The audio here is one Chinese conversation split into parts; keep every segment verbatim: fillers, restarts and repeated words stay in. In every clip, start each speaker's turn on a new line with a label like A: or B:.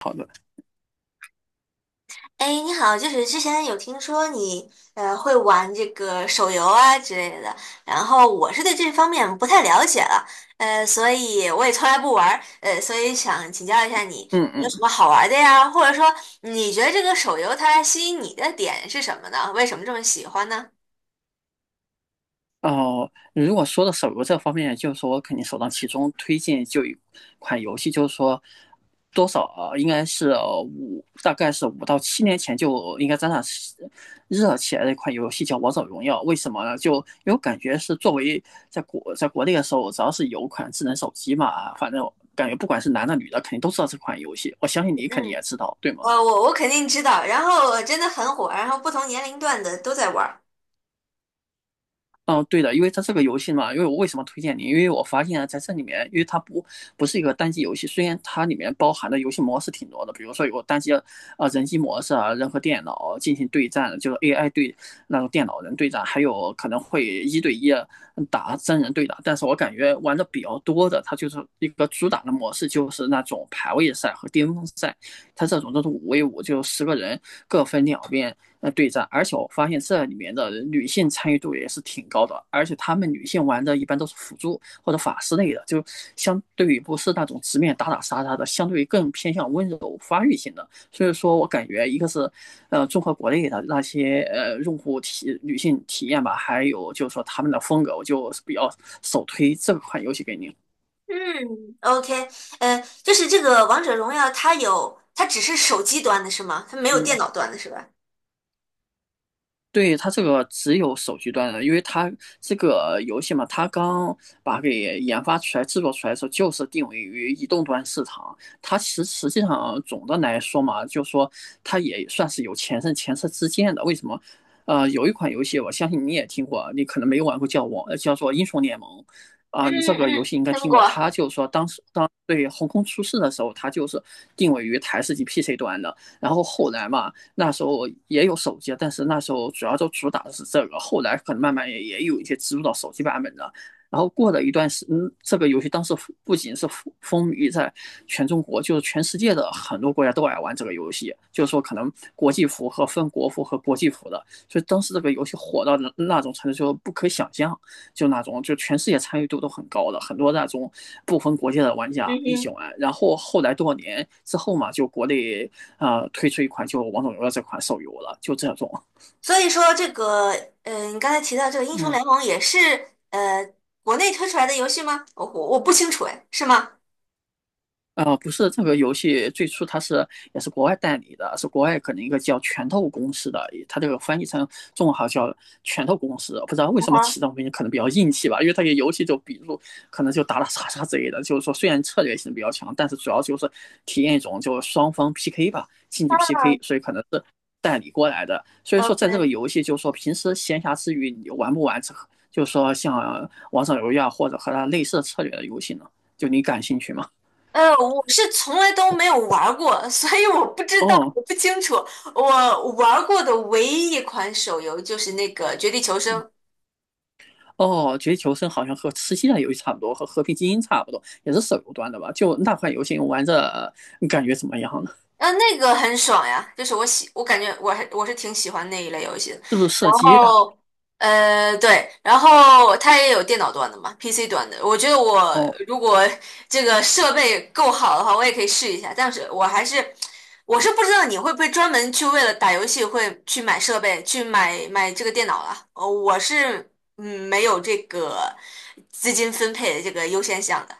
A: 好的。
B: 哎，你好，就是之前有听说你呃会玩这个手游啊之类的，然后我是对这方面不太了解了。呃，所以我也从来不玩儿，呃，所以想请教一下你
A: 嗯
B: 有什
A: 嗯，
B: 么好玩儿的呀？或者说你觉得这个手游它吸引你的点是什么呢？为什么这么喜欢呢？
A: 哦、呃如果说到手游这方面，就是说我肯定首当其冲推荐就一款游戏，就是说多少啊，应该是呃五，大概是五到七年前就应该沾上热起来的一款游戏叫《王者荣耀》。为什么呢？就因为我感觉是作为在国在国内的时候，只要是有款智能手机嘛，反正感觉不管是男的女的，肯定都知道这款游戏。我相信你肯定也
B: 嗯，
A: 知道，对
B: 我
A: 吗？
B: 我我肯定知道，然后真的很火，然后不同年龄段的都在玩儿。
A: 嗯，对的，因为它这个游戏嘛，因为我为什么推荐你？因为我发现啊，在这里面，因为它不不是一个单机游戏，虽然它里面包含的游戏模式挺多的，比如说有单机啊呃人机模式啊，人和电脑进行对战，就是 A I 对那种电脑人对战，还有可能会一对一打真人对打。但是我感觉玩的比较多的，它就是一个主打的模式，就是那种排位赛和巅峰赛，它这种都是五 v 五，就十个人各分两边，呃对战，而且我发现这里面的女性参与度也是挺高的，而且她们女性玩的一般都是辅助或者法师类的，就相对于不是那种直面打打杀杀的，相对于更偏向温柔发育型的。所以说我感觉一个是，呃，综合国内的那些呃用户体女性体验吧，还有就是说他们的风格，我就比较首推这款游戏给您。
B: 嗯，OK。呃，就是这个王者荣耀，它有，它只是手机端的是吗？它没有电
A: 嗯，
B: 脑端的是吧？
A: 对，它这个只有手机端的，因为它这个游戏嘛，它刚把它给研发出来、制作出来的时候，就是定位于移动端市场。它实实际上总的来说嘛，就说它也算是有前车前车之鉴的。为什么？呃，有一款游戏，我相信你也听过，你可能没有玩过，叫我叫做《英雄联盟》
B: 嗯
A: 啊，你这个游
B: 嗯，
A: 戏应该
B: 听
A: 听过。
B: 过。
A: 它就是说当时当对横空出世的时候，它就是定位于台式机 P C 端的，然后后来嘛。那时候也有手机，但是那时候主要就主打的是这个，后来可能慢慢也也有一些植入到手机版本的。然后过了一段时间，嗯，这个游戏当时不仅是风靡在全中国，就是全世界的很多国家都爱玩这个游戏。就是说，可能国际服和分国服和国际服的，所以当时这个游戏火到那种程度，就不可想象。就那种就全世界参与度都很高的，很多那种不分国界的玩
B: 嗯
A: 家一起
B: 哼。
A: 玩。然后后来多少年之后嘛，就国内啊、呃推出一款就《王者荣耀》这款手游了，就这种。
B: 所以说这个，嗯，你刚才提到这个英雄
A: 嗯，
B: 联盟也是呃国内推出来的游戏吗？我我我不清楚，哎，是吗？
A: 啊，不是这个游戏最初它是也是国外代理的，是国外可能一个叫拳头公司的，它这个翻译成中文好像叫拳头公司，不知道为什么
B: 啊
A: 起这种名字可能比较硬气吧，因为它这游戏就比如可能就打打杀杀之类的，就是说虽然策略性比较强，但是主要就是体验一种就是双方 P K 吧，竞技
B: 哈。
A: P K,所以可能是代理过来的，所以
B: 嗯
A: 说在这个
B: ，OK。
A: 游戏就是说平时闲暇之余你玩不玩这，个，就是说像王者荣耀或者和它类似的策略的游戏呢，就你感兴趣吗？
B: 呃，我是从来都没有玩儿过，所以我不知道，
A: 哦，
B: 我不清楚。我玩儿过的唯一一款手游就是那个《绝地求生》。
A: 嗯。哦，绝地求生好像和吃鸡的游戏差不多，和和平精英差不多，也是手游端的吧？就那款游戏玩着你感觉怎么样呢？
B: 啊，那个很爽呀，就是我喜，我感觉我还我是挺喜欢那一类游戏的。
A: 是不是射
B: 然
A: 击的？
B: 后，呃，对，然后它也有电脑端的嘛，P C 端的。我觉得我
A: 哦。
B: 如果这个设备够好的话，我也可以试一下。但是我还是，我是不知道你会不会专门去为了打游戏会去买设备，去买买这个电脑了。呃，我是嗯没有这个资金分配的这个优先项的，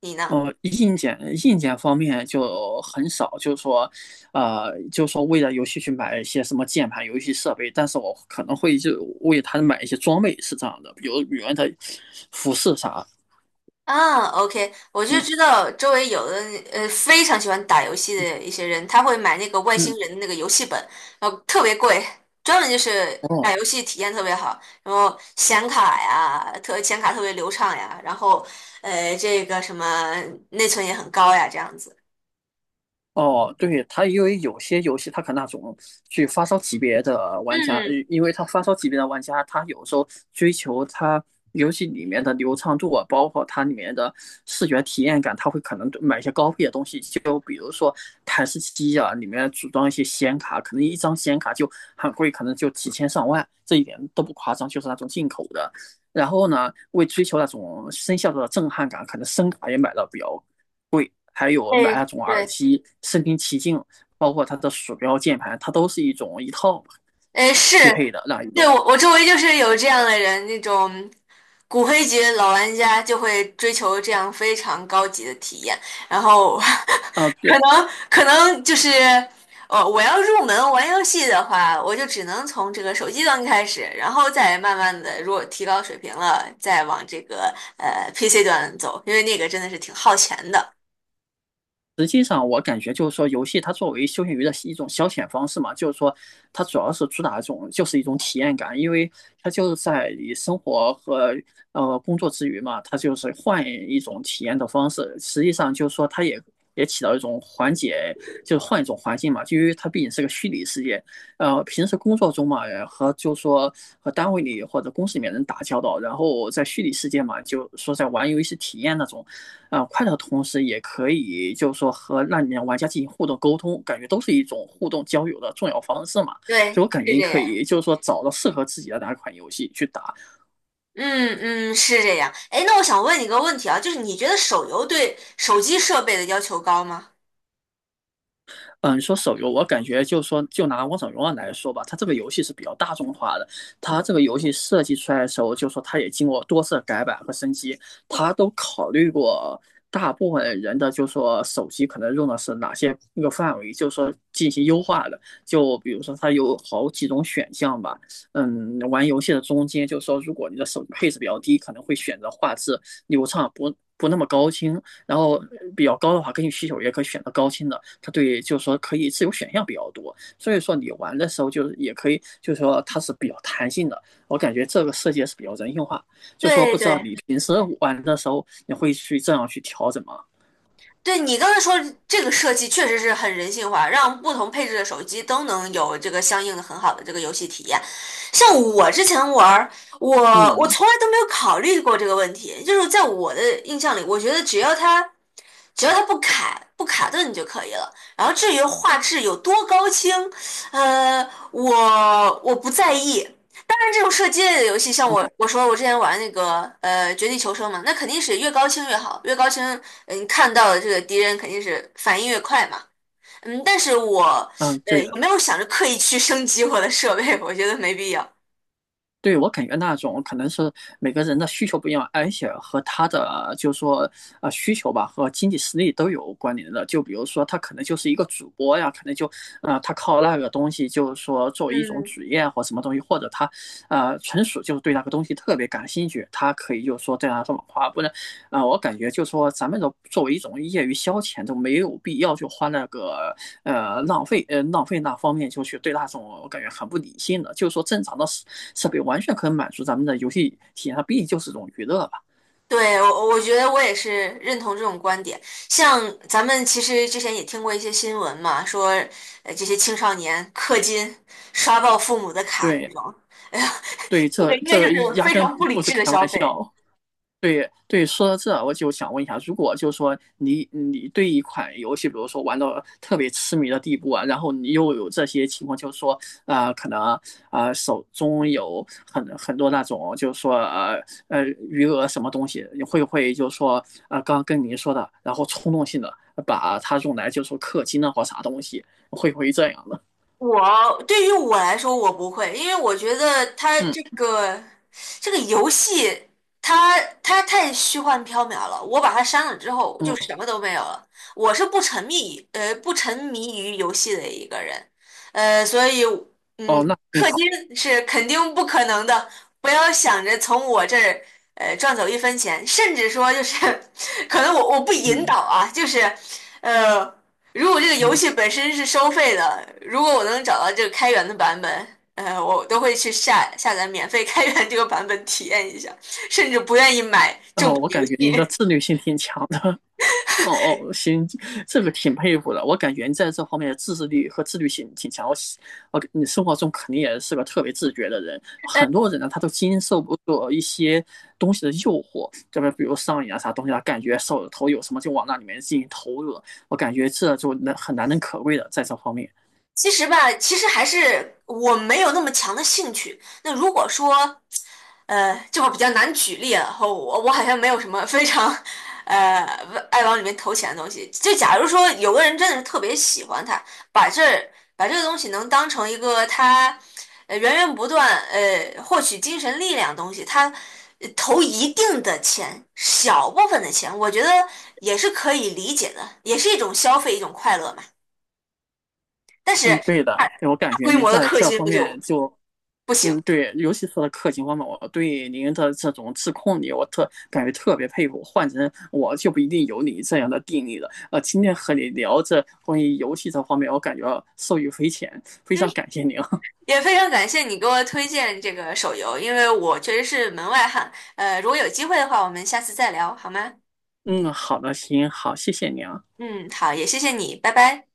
B: 你呢？
A: 哦，硬件硬件方面就很少，就是说，呃，就是说为了游戏去买一些什么键盘、游戏设备，但是我可能会就为他买一些装备，是这样的，比如女人的服饰啥，
B: 啊，OK，我就
A: 嗯。
B: 知道周围有的呃非常喜欢打游戏的一些人，他会买那个外星
A: 嗯，
B: 人的那个游戏本，然后特别贵，专门就是打
A: 哦。
B: 游戏体验特别好，然后显卡呀，特显卡特别流畅呀，然后呃这个什么内存也很高呀，这样子。
A: 哦，对，它因为有些游戏它可能那种去发烧级别的玩家，呃
B: 嗯，
A: 因为他发烧级别的玩家，他有时候追求他游戏里面的流畅度啊，包括它里面的视觉体验感，他会可能买一些高配的东西，就比如说台式机啊，里面组装一些显卡，可能一张显卡就很贵，可能就几千上万，这一点都不夸张，就是那种进口的。然后呢，为追求那种声效的震撼感，可能声卡也买的比较还有买
B: 对
A: 那种耳
B: 对。
A: 机，身临其境，包括它的鼠标、键盘，它都是一种一套
B: 哎，是，
A: 匹配的那一
B: 对，
A: 种。
B: 我我周围就是有这样的人，那种骨灰级的老玩家就会追求这样非常高级的体验，然后
A: 啊、
B: 可
A: 对。
B: 能可能就是，呃，我要入门玩游戏的话，我就只能从这个手机端开始，然后再慢慢的，如果提高水平了，再往这个呃 P C 端走，因为那个真的是挺耗钱的。
A: 实际上，我感觉就是说，游戏它作为休闲娱乐一种消遣方式嘛，就是说，它主要是主打一种就是一种体验感，因为它就是在你生活和呃工作之余嘛，它就是换一种体验的方式。实际上就是说，它也也起到一种缓解，就是换一种环境嘛，就因为它毕竟是个虚拟世界。呃，平时工作中嘛，呃和就是说和单位里或者公司里面人打交道，然后在虚拟世界嘛，就说在玩游戏体验那种啊、呃快乐的同时，也可以就是说和那里面玩家进行互动沟通，感觉都是一种互动交友的重要方式嘛。所以
B: 对，
A: 我感觉
B: 是
A: 你
B: 这
A: 可
B: 样。
A: 以就是说找到适合自己的哪款游戏去打，
B: 嗯嗯，是这样。哎，那我想问你个问题啊，就是你觉得手游对手机设备的要求高吗？
A: 嗯，说手游，我感觉就说就拿《王者荣耀》来说吧，它这个游戏是比较大众化的。它这个游戏设计出来的时候，就说它也经过多次改版和升级，它都考虑过大部分人的，就说手机可能用的是哪些那个范围，就说进行优化的。就比如说它有好几种选项吧，嗯，玩游戏的中间，就说如果你的手机配置比较低，可能会选择画质流畅不。不那么高清，然后比较高的话，根据需求也可以选择高清的；它对就是说可以自由选项比较多，所以说你玩的时候就是也可以，就是说它是比较弹性的。我感觉这个设计是比较人性化，就说
B: 对
A: 不知道
B: 对。
A: 你平时玩的时候你会去这样去调整吗？
B: 对你刚才说这个设计确实是很人性化，让不同配置的手机都能有这个相应的很好的这个游戏体验。像我之前玩儿，我我
A: 嗯，
B: 从来都没有考虑过这个问题，就是在我的印象里，我觉得只要它只要它不卡不卡顿就可以了。然后至于画质有多高清，呃，我我不在意。当然，这种射击类的游戏，像
A: 哦，
B: 我我说我之前玩那个呃《绝地求生》嘛，那肯定是越高清越好，越高清，嗯，看到的这个敌人肯定是反应越快嘛。嗯，但是我
A: 嗯，
B: 呃
A: 对
B: 也没
A: 的，
B: 有想着刻意去 升级我的设备，我觉得没必要。
A: 对，我感觉那种可能是每个人的需求不一样，而且和他的就是说呃需求吧和经济实力都有关联的。就比如说他可能就是一个主播呀，可能就呃他靠那个东西就是说作为一种
B: 嗯，
A: 职业或什么东西，或者他呃纯属就是对那个东西特别感兴趣，他可以就是说这样上网发布啊、呃我感觉就是说咱们的作为一种业余消遣，就没有必要就花那个呃浪费呃浪费那方面就去对那种我感觉很不理性的，就是说正常的设设备完全可以满足咱们的游戏体验，它毕竟就是一种娱乐吧。
B: 对，我我觉得我也是认同这种观点。像咱们其实之前也听过一些新闻嘛，说呃这些青少年氪金、刷爆父母的卡
A: 对。
B: 这种，哎呀，
A: 对，
B: 这个
A: 这
B: 应该就
A: 这
B: 是
A: 压
B: 非
A: 根
B: 常不理
A: 不是
B: 智的
A: 开
B: 消
A: 玩
B: 费。
A: 笑。对，对，说到这，我就想问一下，如果就是说你你对一款游戏，比如说玩到特别痴迷的地步啊，然后你又有这些情况，就是说，呃，可能呃手中有很很多那种，就是说呃呃余额什么东西，你会不会就是说啊，刚刚跟您说的，然后冲动性的把它用来就是说氪金啊或啥东西，会不会这样呢？
B: 我对于我来说，我不会，因为我觉得它
A: 嗯。
B: 这个这个游戏，它它太虚幻缥缈了。我把它删了之后，就
A: 嗯，
B: 什么都没有了。我是不沉迷于呃不沉迷于游戏的一个人，呃，所以。
A: 哦，那挺
B: 氪
A: 好。
B: 金是肯定不可能的，不要想着从我这儿呃赚走一分钱，甚至说就是 可能我我不引导
A: 嗯。
B: 啊，就是呃，如果这个游
A: 嗯，
B: 戏本身是收费的，如果我能找到这个开源的版本，呃，我都会去下下载免费开源这个版本体验一下，甚至不愿意买正
A: 哦，
B: 版
A: 我
B: 游
A: 感觉您的
B: 戏。
A: 自律性挺强的。哦。哦，行，这个挺佩服的。我感觉你在这方面的自制力和自律性挺强。我喜，我你生活中肯定也是个特别自觉的人。很多人呢，他都经受不住一些东西的诱惑，这边比如上瘾啊啥东西啊，他感觉手里头有什么就往那里面进行投入了。我感觉这就难很难能可贵的在这方面。
B: 其实吧，其实还是我没有那么强的兴趣。那如果说，呃，这会儿比较难举例啊，我我好像没有什么非常，呃，爱往里面投钱的东西。就假如说有个人真的是特别喜欢它，把这儿把这个东西能当成一个他，呃源源不断呃获取精神力量的东西，他呃投一定的钱，小部分的钱，我觉得也是可以理解的，也是一种消费，一种快乐嘛。但是
A: 嗯，对的，
B: 大
A: 我感
B: 大
A: 觉
B: 规
A: 你
B: 模的
A: 在
B: 氪
A: 这
B: 金
A: 方
B: 不就
A: 面就
B: 不行。
A: 嗯。对，尤其是氪金方面，我对您的这种自控力，我特感觉特别佩服。换成我就不一定有你这样的定力了。呃，今天和你聊这关于游戏这方面，我感觉受益匪浅，非
B: 嗯，
A: 常感谢您。
B: 也非常感谢你给我推荐这个手游，因为我确实是门外汉。呃，如果有机会的话，我们下次再聊好吗？
A: 嗯，好的，行，好，谢谢您啊。
B: 嗯，好，也谢谢你，拜拜。